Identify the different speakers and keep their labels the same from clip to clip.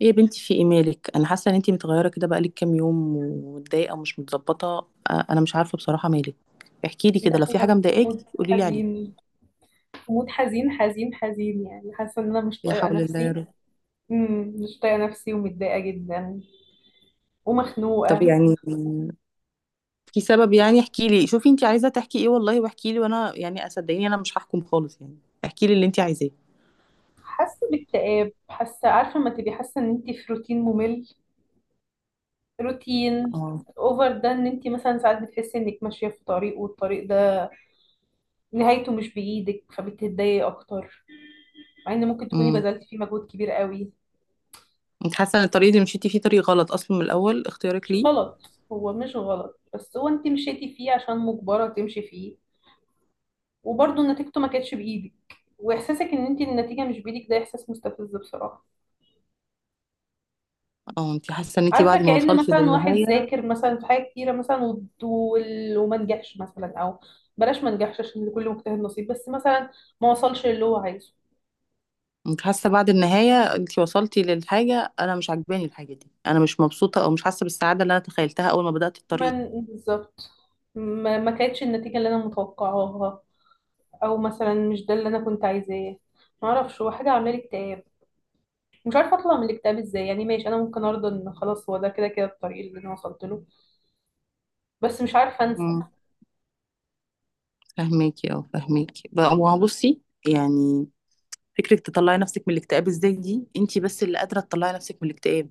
Speaker 1: ايه يا بنتي؟ في ايه مالك؟ انا حاسه ان انتي متغيره كده بقالك كام يوم ومتضايقه ومش متظبطه. آه، انا مش عارفه بصراحه مالك. احكي لي كده، لو في
Speaker 2: داخلة
Speaker 1: حاجه
Speaker 2: في
Speaker 1: مضايقاكي
Speaker 2: مود
Speaker 1: قولي لي عليها.
Speaker 2: حزين. في مود حزين حزين حزين، يعني حاسة ان انا مش
Speaker 1: لا
Speaker 2: طايقة
Speaker 1: حول الله يا
Speaker 2: نفسي.
Speaker 1: رب.
Speaker 2: مش طايقة نفسي ومتضايقة جدا
Speaker 1: طب
Speaker 2: ومخنوقة.
Speaker 1: يعني في سبب؟ يعني احكي لي، شوفي انتي عايزه تحكي ايه والله، واحكي لي وانا يعني صدقيني انا مش هحكم خالص يعني. احكي لي اللي انتي عايزاه.
Speaker 2: حاسة باكتئاب، حاسة، عارفة لما تبقي حاسة ان انت في روتين ممل؟ روتين
Speaker 1: اه.
Speaker 2: اوفر، ده ان انت مثلا ساعات بتحسي انك ماشية في طريق والطريق ده نهايته مش بإيدك، فبتتضايقي اكتر، مع ان ممكن تكوني
Speaker 1: امم
Speaker 2: بذلتي فيه مجهود كبير قوي.
Speaker 1: انت حاسه ان الطريق اللي مشيتي فيه طريق غلط اصلا من الاول اختيارك
Speaker 2: مش
Speaker 1: ليه؟
Speaker 2: غلط، هو مش غلط، بس هو انت مشيتي فيه عشان مجبرة تمشي فيه، وبرضه نتيجته ما كانتش بايدك. واحساسك ان انت النتيجه مش بايدك ده احساس مستفز بصراحه.
Speaker 1: اه انت حاسه ان انت
Speaker 2: عارفه،
Speaker 1: بعد ما
Speaker 2: كأن
Speaker 1: وصلتي
Speaker 2: مثلا واحد
Speaker 1: للنهايه،
Speaker 2: ذاكر مثلا في حاجه كتيره مثلا وما نجحش، مثلا، او بلاش ما نجحش عشان لكل مجتهد نصيب، بس مثلا ما وصلش اللي هو عايزه.
Speaker 1: انت حاسه بعد النهايه انت وصلتي للحاجه انا مش عاجباني الحاجه دي، انا مش مبسوطه او مش حاسه بالسعاده اللي انا تخيلتها اول ما بدات
Speaker 2: ما
Speaker 1: الطريق.
Speaker 2: ن- بالظبط. ما كانتش النتيجه اللي انا متوقعاها، او مثلا مش ده اللي انا كنت عايزاه. ما اعرفش، هو حاجه عامله لي اكتئاب. مش عارفه اطلع من الاكتئاب ازاي، يعني ماشي انا ممكن ارضى ان خلاص هو ده كده كده الطريق اللي انا وصلت له، بس مش عارفه انسى.
Speaker 1: امم. فهميكي، اه فهميكي بقى، ما هو بصي يعني، فكره تطلعي نفسك من الاكتئاب ازاي دي انت بس اللي قادره تطلعي نفسك من الاكتئاب.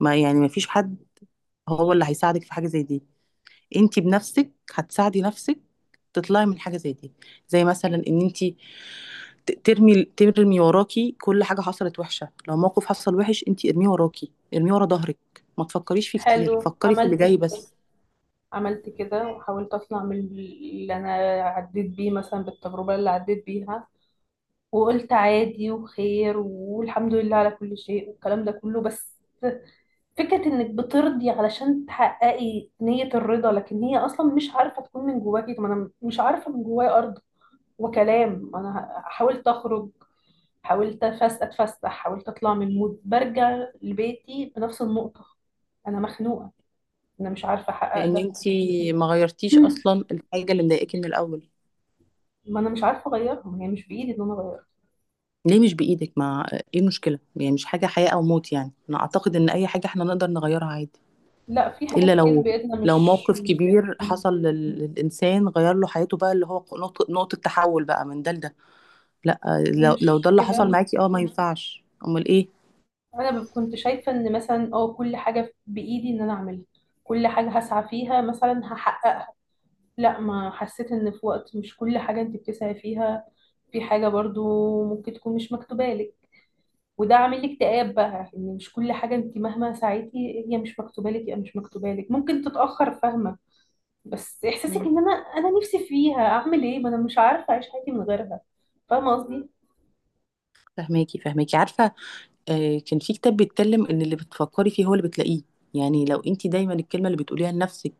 Speaker 1: ما يعني ما فيش حد هو اللي هيساعدك في حاجه زي دي، انت بنفسك هتساعدي نفسك تطلعي من حاجه زي دي. زي مثلا ان انت ترمي وراكي كل حاجة حصلت وحشة، لو موقف حصل وحش انتي ارميه وراكي، ارميه ورا ظهرك، ما تفكريش فيه كتير،
Speaker 2: حلو.
Speaker 1: فكري في اللي
Speaker 2: عملت،
Speaker 1: جاي بس.
Speaker 2: عملت كده وحاولت اطلع من اللي انا عديت بيه، مثلا بالتجربة اللي عديت بيها، وقلت عادي وخير والحمد لله على كل شيء والكلام ده كله. بس فكرة انك بترضي علشان تحققي نية الرضا، لكن هي اصلا مش عارفة تكون من جواكي. طب انا مش عارفة من جوايا ارض. وكلام، انا حاولت اخرج، حاولت اتفسح، حاولت اطلع من المود، برجع لبيتي بنفس النقطة. انا مخنوقة، انا مش عارفة
Speaker 1: لان
Speaker 2: احقق.
Speaker 1: انتي ما
Speaker 2: ده،
Speaker 1: غيرتيش اصلا الحاجة اللي مضايقاكي من الاول.
Speaker 2: ما انا مش عارفه اغيرهم، هي مش بايدي ان انا اغيرها.
Speaker 1: ليه مش بايدك؟ ما ايه المشكلة يعني؟ مش حاجة حياة او موت، يعني انا اعتقد ان اي حاجة احنا نقدر نغيرها عادي.
Speaker 2: لا، في حاجات
Speaker 1: الا
Speaker 2: كتير
Speaker 1: لو،
Speaker 2: بايدنا
Speaker 1: لو
Speaker 2: مش
Speaker 1: موقف
Speaker 2: مش
Speaker 1: كبير
Speaker 2: بايدنا.
Speaker 1: حصل للإنسان غير له حياته بقى، اللي هو نقطة، نقطة تحول بقى من ده لده. لا، لو
Speaker 2: مش
Speaker 1: ده اللي حصل
Speaker 2: كده.
Speaker 1: معاكي اه ما ينفعش، امال ايه.
Speaker 2: انا كنت شايفه ان مثلا اه كل حاجه بايدي ان انا اعملها، كل حاجه هسعى فيها مثلا هحققها. لا، ما حسيت ان في وقت مش كل حاجه انت بتسعي فيها، في حاجه برضو ممكن تكون مش مكتوبه لك. وده عامل لي اكتئاب بقى، ان مش كل حاجه انت مهما سعيتي هي مش مكتوبه لك، هي مش مكتوبه لك، ممكن تتاخر، فاهمه؟ بس احساسك ان انا، انا نفسي فيها، اعمل ايه؟ ما انا مش عارفه اعيش حياتي من غيرها. فاهمه قصدي؟
Speaker 1: فهماكي، فهماكي عارفة. آه، كان في كتاب بيتكلم ان اللي بتفكري فيه هو اللي بتلاقيه. يعني لو انت دايما الكلمة اللي بتقوليها لنفسك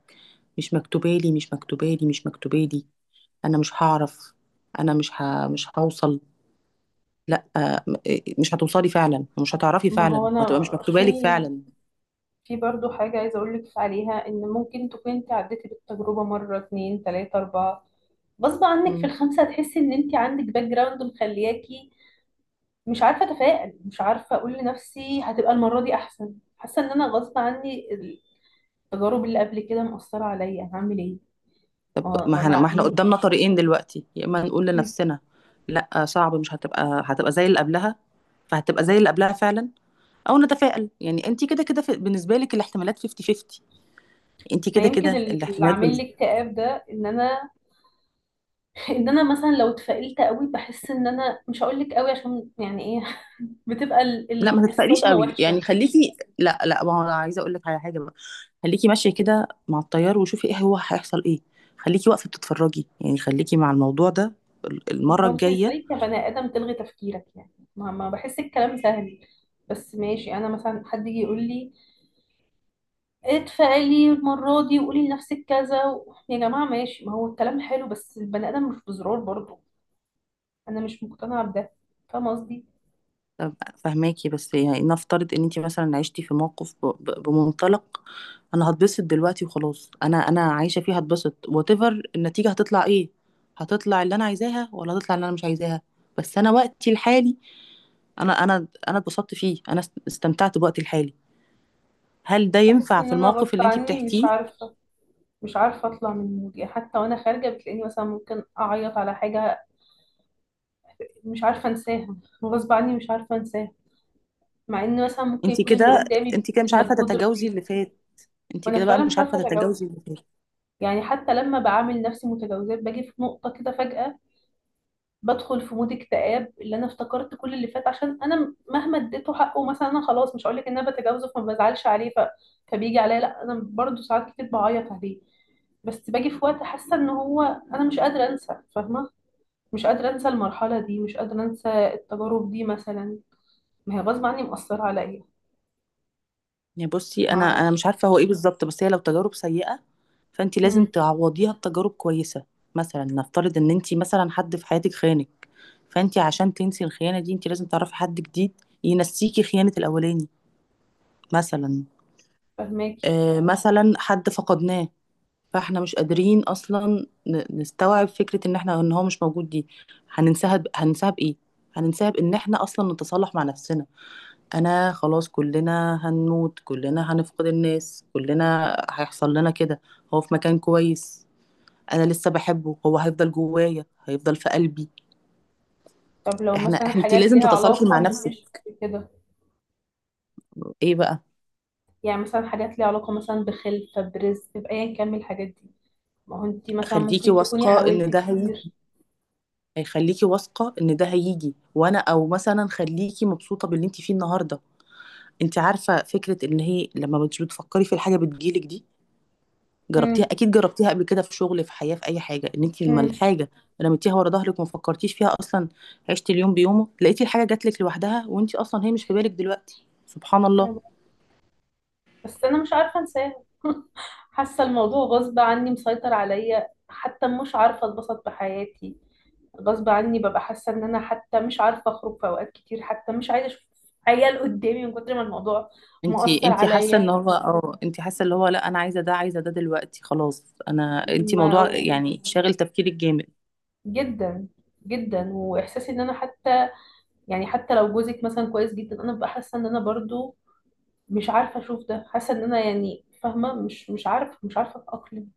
Speaker 1: مش مكتوبالي، مش مكتوبالي، مش مكتوبالي، انا مش هعرف، انا مش ه... مش هوصل، لا آه، مش هتوصلي فعلا، ومش هتعرفي
Speaker 2: ما هو
Speaker 1: فعلا، وهتبقى
Speaker 2: انا،
Speaker 1: مش
Speaker 2: في،
Speaker 1: مكتوبالك فعلا.
Speaker 2: في برضو حاجه عايزه اقول لك عليها، ان ممكن تكون انت عديتي بالتجربه مره اتنين تلاته اربعه، غصب عنك في
Speaker 1: مم.
Speaker 2: الخمسه هتحسي ان انت عندك باك جراوند مخلياكي مش عارفه اتفائل، مش عارفه اقول لنفسي هتبقى المره دي احسن، حاسه ان انا غصب عني التجارب اللي قبل كده مأثره عليا، هعمل ايه؟
Speaker 1: طب
Speaker 2: ما
Speaker 1: ما
Speaker 2: ما
Speaker 1: احنا ما احنا
Speaker 2: ما,
Speaker 1: قدامنا طريقين دلوقتي، يا اما نقول لنفسنا لا آه، صعب مش هتبقى، هتبقى زي اللي قبلها، فهتبقى زي اللي قبلها فعلا. او نتفائل، يعني انت كده كده في- بالنسبة لك الاحتمالات 50 50. انت
Speaker 2: ما
Speaker 1: كده
Speaker 2: يمكن
Speaker 1: كده
Speaker 2: اللي
Speaker 1: الاحتمالات
Speaker 2: عامل
Speaker 1: بال...
Speaker 2: لي اكتئاب ده ان انا، ان انا مثلا لو اتفائلت قوي بحس ان انا مش هقول لك قوي عشان، يعني ايه، بتبقى
Speaker 1: لا ما تتفائليش
Speaker 2: الصدمه
Speaker 1: قوي
Speaker 2: وحشه.
Speaker 1: يعني، خليكي، لا لا، ما هو انا عايزه اقول لك على حاجه بقى. خليكي ماشيه كده مع التيار، وشوفي ايه هو هيحصل ايه، خليكي واقفه بتتفرجي يعني، خليكي مع الموضوع ده ال-
Speaker 2: ما
Speaker 1: المره
Speaker 2: هو انت
Speaker 1: الجايه.
Speaker 2: ازاي كبني ادم تلغي تفكيرك؟ يعني ما بحس الكلام سهل. بس ماشي، انا مثلا حد يجي يقول لي اتفائلي المره دي وقولي لنفسك كذا و... يا جماعه ماشي، ما هو الكلام حلو، بس البني ادم مش بزرار برضه. انا مش مقتنعه بده، فاهمه قصدي؟
Speaker 1: طب فهماكي، بس يعني نفترض ان انت مثلا عشتي في موقف بمنطلق انا هتبسط دلوقتي وخلاص، انا انا عايشه فيه هتبسط، وات ايفر النتيجه هتطلع ايه، هتطلع اللي انا عايزاها ولا هتطلع اللي انا مش عايزاها، بس انا وقتي الحالي انا اتبسطت فيه، انا استمتعت بوقتي الحالي. هل ده
Speaker 2: بحس
Speaker 1: ينفع
Speaker 2: ان
Speaker 1: في
Speaker 2: انا
Speaker 1: الموقف
Speaker 2: غصب
Speaker 1: اللي انت
Speaker 2: عني، مش
Speaker 1: بتحكيه؟
Speaker 2: عارفه، مش عارفه اطلع من المود، يعني حتى وانا خارجه بتلاقيني مثلا ممكن اعيط على حاجه مش عارفة انساها. غصب عني مش عارفة انساها، مع ان مثلا ممكن
Speaker 1: انت
Speaker 2: يكون اللي
Speaker 1: كده،
Speaker 2: قدامي
Speaker 1: انت كده مش
Speaker 2: بيبذل
Speaker 1: عارفه
Speaker 2: مجهود
Speaker 1: تتجاوزي
Speaker 2: رهيب.
Speaker 1: اللي فات، انت
Speaker 2: وانا
Speaker 1: كده بقى
Speaker 2: فعلا
Speaker 1: مش
Speaker 2: مش عارفة
Speaker 1: عارفه
Speaker 2: اتجاوزه.
Speaker 1: تتجاوزي اللي فات.
Speaker 2: يعني حتى لما بعامل نفسي متجاوزات باجي في نقطة كده فجأة بدخل في مود اكتئاب، اللي انا افتكرت كل اللي فات، عشان انا مهما اديته حقه، مثلا انا خلاص مش هقولك ان انا بتجاوزه فما بزعلش عليه ف... فبيجي عليا لا انا برضه ساعات كتير بعيط عليه. بس باجي في وقت حاسة ان هو، انا مش قادرة انسى، فاهمة؟ مش قادرة انسى المرحلة دي، مش قادرة انسى التجارب دي مثلا، ما هي غصب عني مأثرة عليا.
Speaker 1: يعني بصي،
Speaker 2: ما
Speaker 1: انا مش
Speaker 2: اعرفش.
Speaker 1: عارفه هو ايه بالظبط، بس هي لو تجارب سيئه فانت لازم
Speaker 2: امم.
Speaker 1: تعوضيها بتجارب كويسه. مثلا نفترض ان انت مثلا حد في حياتك خانك، فانت عشان تنسي الخيانه دي انت لازم تعرفي حد جديد ينسيكي خيانه الاولاني، مثلا.
Speaker 2: فهماكي.
Speaker 1: آه مثلا حد فقدناه، فاحنا مش قادرين اصلا نستوعب فكره ان احنا ان هو مش موجود دي، هننساها بايه؟ هننساها بان احنا اصلا نتصالح مع نفسنا. انا خلاص، كلنا هنموت، كلنا هنفقد الناس، كلنا هيحصل لنا كده، هو في مكان كويس، انا لسه بحبه، هو هيفضل جوايا، هيفضل في قلبي.
Speaker 2: طب لو
Speaker 1: احنا،
Speaker 2: مثلا
Speaker 1: انت
Speaker 2: حاجات
Speaker 1: لازم
Speaker 2: ليها
Speaker 1: تتصالحي
Speaker 2: علاقة،
Speaker 1: مع نفسك.
Speaker 2: مش كده،
Speaker 1: ايه بقى؟
Speaker 2: يعني مثلا حاجات ليها علاقة مثلا بخلفة، برزق، بأيا كان من الحاجات دي. ما هو انتي مثلا
Speaker 1: خليكي
Speaker 2: ممكن تكوني
Speaker 1: واثقه
Speaker 2: حاولت
Speaker 1: ان ده
Speaker 2: كتير.
Speaker 1: هيخليكي واثقه ان ده هيجي، وانا او مثلا خليكي مبسوطه باللي انت فيه النهارده. انت عارفه فكره ان هي لما مش بتفكري في الحاجه بتجيلك دي، جربتيها
Speaker 2: امم.
Speaker 1: اكيد جربتيها قبل كده، في شغل، في حياه، في اي حاجه، ان انت لما
Speaker 2: امم.
Speaker 1: الحاجه رميتيها ورا ظهرك وما فكرتيش فيها اصلا، عشتي اليوم بيومه، لقيتي الحاجه جاتلك لوحدها وانت اصلا هي مش في بالك دلوقتي سبحان الله.
Speaker 2: بس انا مش عارفه انساه. حاسه الموضوع غصب عني مسيطر عليا، حتى مش عارفه اتبسط بحياتي. غصب عني ببقى حاسه ان انا حتى مش عارفه اخرج في اوقات كتير، حتى مش عايزه اشوف عيال قدامي من كتر ما الموضوع
Speaker 1: انت
Speaker 2: مؤثر
Speaker 1: انت حاسه ان
Speaker 2: عليا.
Speaker 1: هو اه، انت حاسه اللي هو لا انا عايزه ده، عايزه ده دلوقتي خلاص انا، انت موضوع
Speaker 2: ما-
Speaker 1: يعني شاغل تفكيرك جامد.
Speaker 2: جدا. جدا. واحساسي ان انا حتى، يعني حتى لو جوزك مثلا كويس جدا انا ببقى حاسه ان انا برضو مش عارفه اشوف ده، حاسه ان انا، يعني فاهمه، مش عارفه، مش عارفه اتاقلم.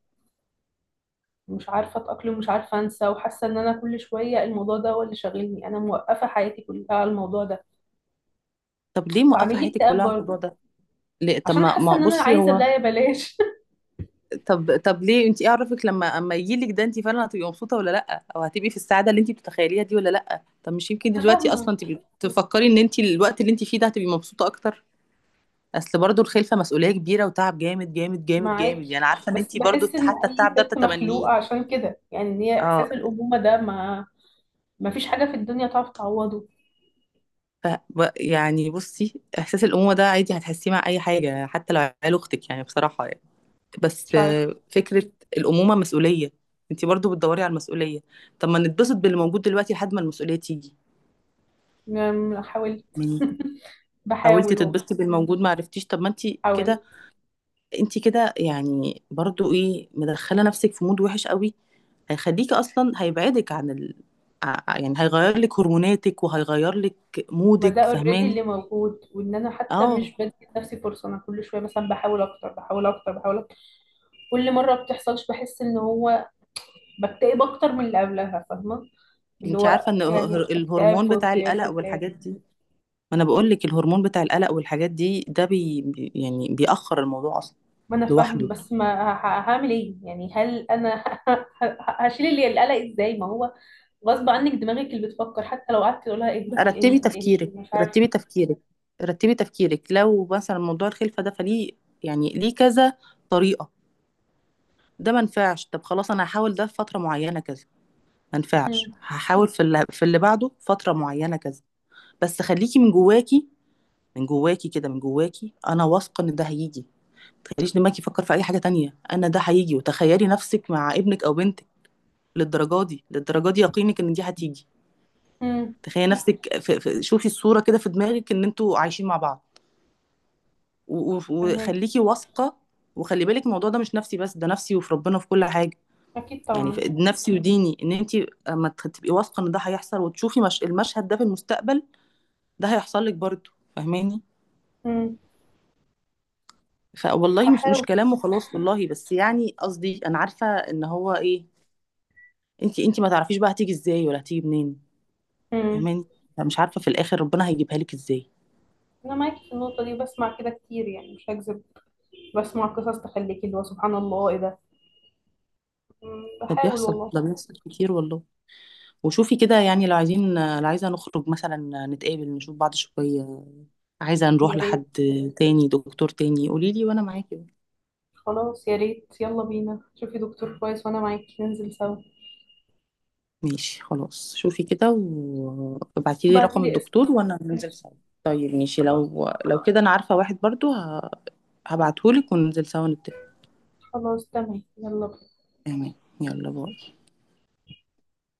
Speaker 2: مش عارفة أتأقلم، مش عارفة أنسى، وحاسة إن أنا كل شوية الموضوع ده هو اللي شاغلني، أنا موقفة حياتي كلها على الموضوع ده.
Speaker 1: طب ليه موقفه
Speaker 2: فعامل لي
Speaker 1: حياتك
Speaker 2: اكتئاب
Speaker 1: كلها على
Speaker 2: برضه،
Speaker 1: الموضوع ده؟ ليه؟ طب
Speaker 2: عشان
Speaker 1: ما
Speaker 2: حاسة
Speaker 1: ما
Speaker 2: إن أنا
Speaker 1: بصي
Speaker 2: عايزة ده،
Speaker 1: هو،
Speaker 2: يا بلاش.
Speaker 1: طب ليه انت ايه عرفك لما اما يجيلك ده انت فعلا هتبقي مبسوطه ولا لا، او هتبقي في السعاده اللي انت بتتخيليها دي ولا لا؟ طب مش يمكن
Speaker 2: أنا
Speaker 1: دلوقتي
Speaker 2: فاهمة
Speaker 1: اصلا تبقي تفكري ان انت الوقت اللي انت فيه ده هتبقي مبسوطه اكتر؟ اصل برضو الخلفه مسؤوليه كبيره وتعب جامد جامد جامد جامد، يعني
Speaker 2: معاكي،
Speaker 1: عارفه ان
Speaker 2: بس
Speaker 1: انت برضو
Speaker 2: بحس إن
Speaker 1: حتى
Speaker 2: أي
Speaker 1: التعب ده
Speaker 2: ست
Speaker 1: بتتمنيه.
Speaker 2: مخلوقة عشان كده، يعني إن هي
Speaker 1: اه.
Speaker 2: إحساس الأمومة ده، ما ما فيش حاجة في الدنيا تعرف تعوضه.
Speaker 1: يعني بصي، احساس الامومه ده عادي هتحسيه مع اي حاجه حتى لو عيال اختك يعني بصراحه. بس
Speaker 2: مش عارف.
Speaker 1: آه، فكرة الأمومة مسؤولية، انتي برضو بتدوري على المسؤولية. طب ما نتبسط باللي موجود دلوقتي لحد ما المسؤولية تيجي؟
Speaker 2: يعني حاولت.
Speaker 1: يعني حاولتي
Speaker 2: بحاول والله.
Speaker 1: تتبسطي بالموجود ما عرفتيش، طب ما انتي كده،
Speaker 2: حاولت.
Speaker 1: انتي كده يعني برضو ايه، مدخلة نفسك في مود وحش قوي، هيخليكي اصلا، هيبعدك عن ال... ع- يعني هيغير لك هرموناتك وهيغير لك
Speaker 2: ما ده
Speaker 1: مودك
Speaker 2: اوريدي
Speaker 1: فاهماني.
Speaker 2: اللي موجود، وان انا حتى
Speaker 1: اه.
Speaker 2: مش بدي لنفسي فرصه، انا كل شويه مثلا بحاول اكتر، بحاول اكتر، بحاول اكتر. كل مره بتحصلش بحس ان هو بكتئب اكتر من اللي قبلها، فاهمه؟ اللي
Speaker 1: انتي عارفة
Speaker 2: هو
Speaker 1: ان
Speaker 2: يعني
Speaker 1: الهر-
Speaker 2: اكتئاب
Speaker 1: الهرمون
Speaker 2: فوق
Speaker 1: بتاع
Speaker 2: اكتئاب
Speaker 1: القلق
Speaker 2: فوق اكتئاب.
Speaker 1: والحاجات دي، ما انا بقول لك الهرمون بتاع القلق والحاجات دي ده يعني بيأخر الموضوع اصلا
Speaker 2: ما انا فاهم،
Speaker 1: لوحده.
Speaker 2: بس ما هعمل ايه؟ يعني هل انا هشيل اللي القلق ازاي؟ ما هو غصب عنك دماغك اللي بتفكر، حتى لو قعدت تقولها اهدي
Speaker 1: رتبي
Speaker 2: اهدي
Speaker 1: تفكيرك،
Speaker 2: اهدي مش عارف.
Speaker 1: رتبي تفكيرك، رتبي تفكيرك، لو مثلا موضوع الخلفه ده فليه، يعني ليه كذا طريقه، ده ما نفعش طب خلاص انا هحاول ده في فتره معينه كذا، ما نفعش
Speaker 2: امم.
Speaker 1: هحاول في اللي، في اللي بعده فتره معينه كذا. بس خليكي من جواكي، من جواكي كده، من جواكي انا واثقه ان ده هيجي، ما تخليش دماغك يفكر في اي حاجه تانية، انا ده هيجي، وتخيلي نفسك مع ابنك او بنتك، للدرجه دي، للدرجه دي يقينك ان دي هتيجي.
Speaker 2: امم.
Speaker 1: تخيلي نفسك في في شوفي الصوره كده في دماغك ان انتوا عايشين مع بعض، و- و-
Speaker 2: فهمك.
Speaker 1: وخليكي واثقه. وخلي بالك الموضوع ده مش نفسي بس، ده نفسي وفي ربنا في كل حاجه،
Speaker 2: اكيد
Speaker 1: يعني
Speaker 2: طبعا.
Speaker 1: في نفسي وديني، ان انت اما تبقي واثقه ان ده هيحصل وتشوفي مش المشهد ده في المستقبل، ده هيحصل لك برضه فاهماني.
Speaker 2: امم.
Speaker 1: فوالله مش
Speaker 2: هحاول.
Speaker 1: كلام وخلاص والله، بس يعني قصدي انا عارفه ان هو ايه. انت ما تعرفيش بقى هتيجي ازاي، ولا هتيجي منين، فاهماني، فمش عارفه في الاخر ربنا هيجيبها لك ازاي.
Speaker 2: انا معاكي في النقطه دي، وبسمع كده كتير يعني، مش هكذب، بسمع قصص تخليكي اللي هو سبحان الله ايه ده. مم،
Speaker 1: ده
Speaker 2: بحاول
Speaker 1: بيحصل،
Speaker 2: والله.
Speaker 1: ده بيحصل كتير والله. وشوفي كده، يعني لو عايزين، لو عايزه نخرج مثلا، نتقابل نشوف بعض شويه، عايزة نروح
Speaker 2: يا
Speaker 1: لحد
Speaker 2: ريت.
Speaker 1: تاني، دكتور تاني، قولي لي وانا معاكي.
Speaker 2: خلاص يا ريت، يلا بينا، شوفي دكتور كويس وانا معاكي ننزل سوا.
Speaker 1: ماشي خلاص، شوفي كده وابعتي لي رقم
Speaker 2: وبعتيلي اسم.
Speaker 1: الدكتور وانا ننزل
Speaker 2: ماشي.
Speaker 1: سوا. طيب ماشي،
Speaker 2: خلاص.
Speaker 1: لو كده انا عارفة واحد برضو هبعتهولك وننزل سوا نتفق.
Speaker 2: خلاص تمام، يلا بينا.
Speaker 1: تمام. يلا باي.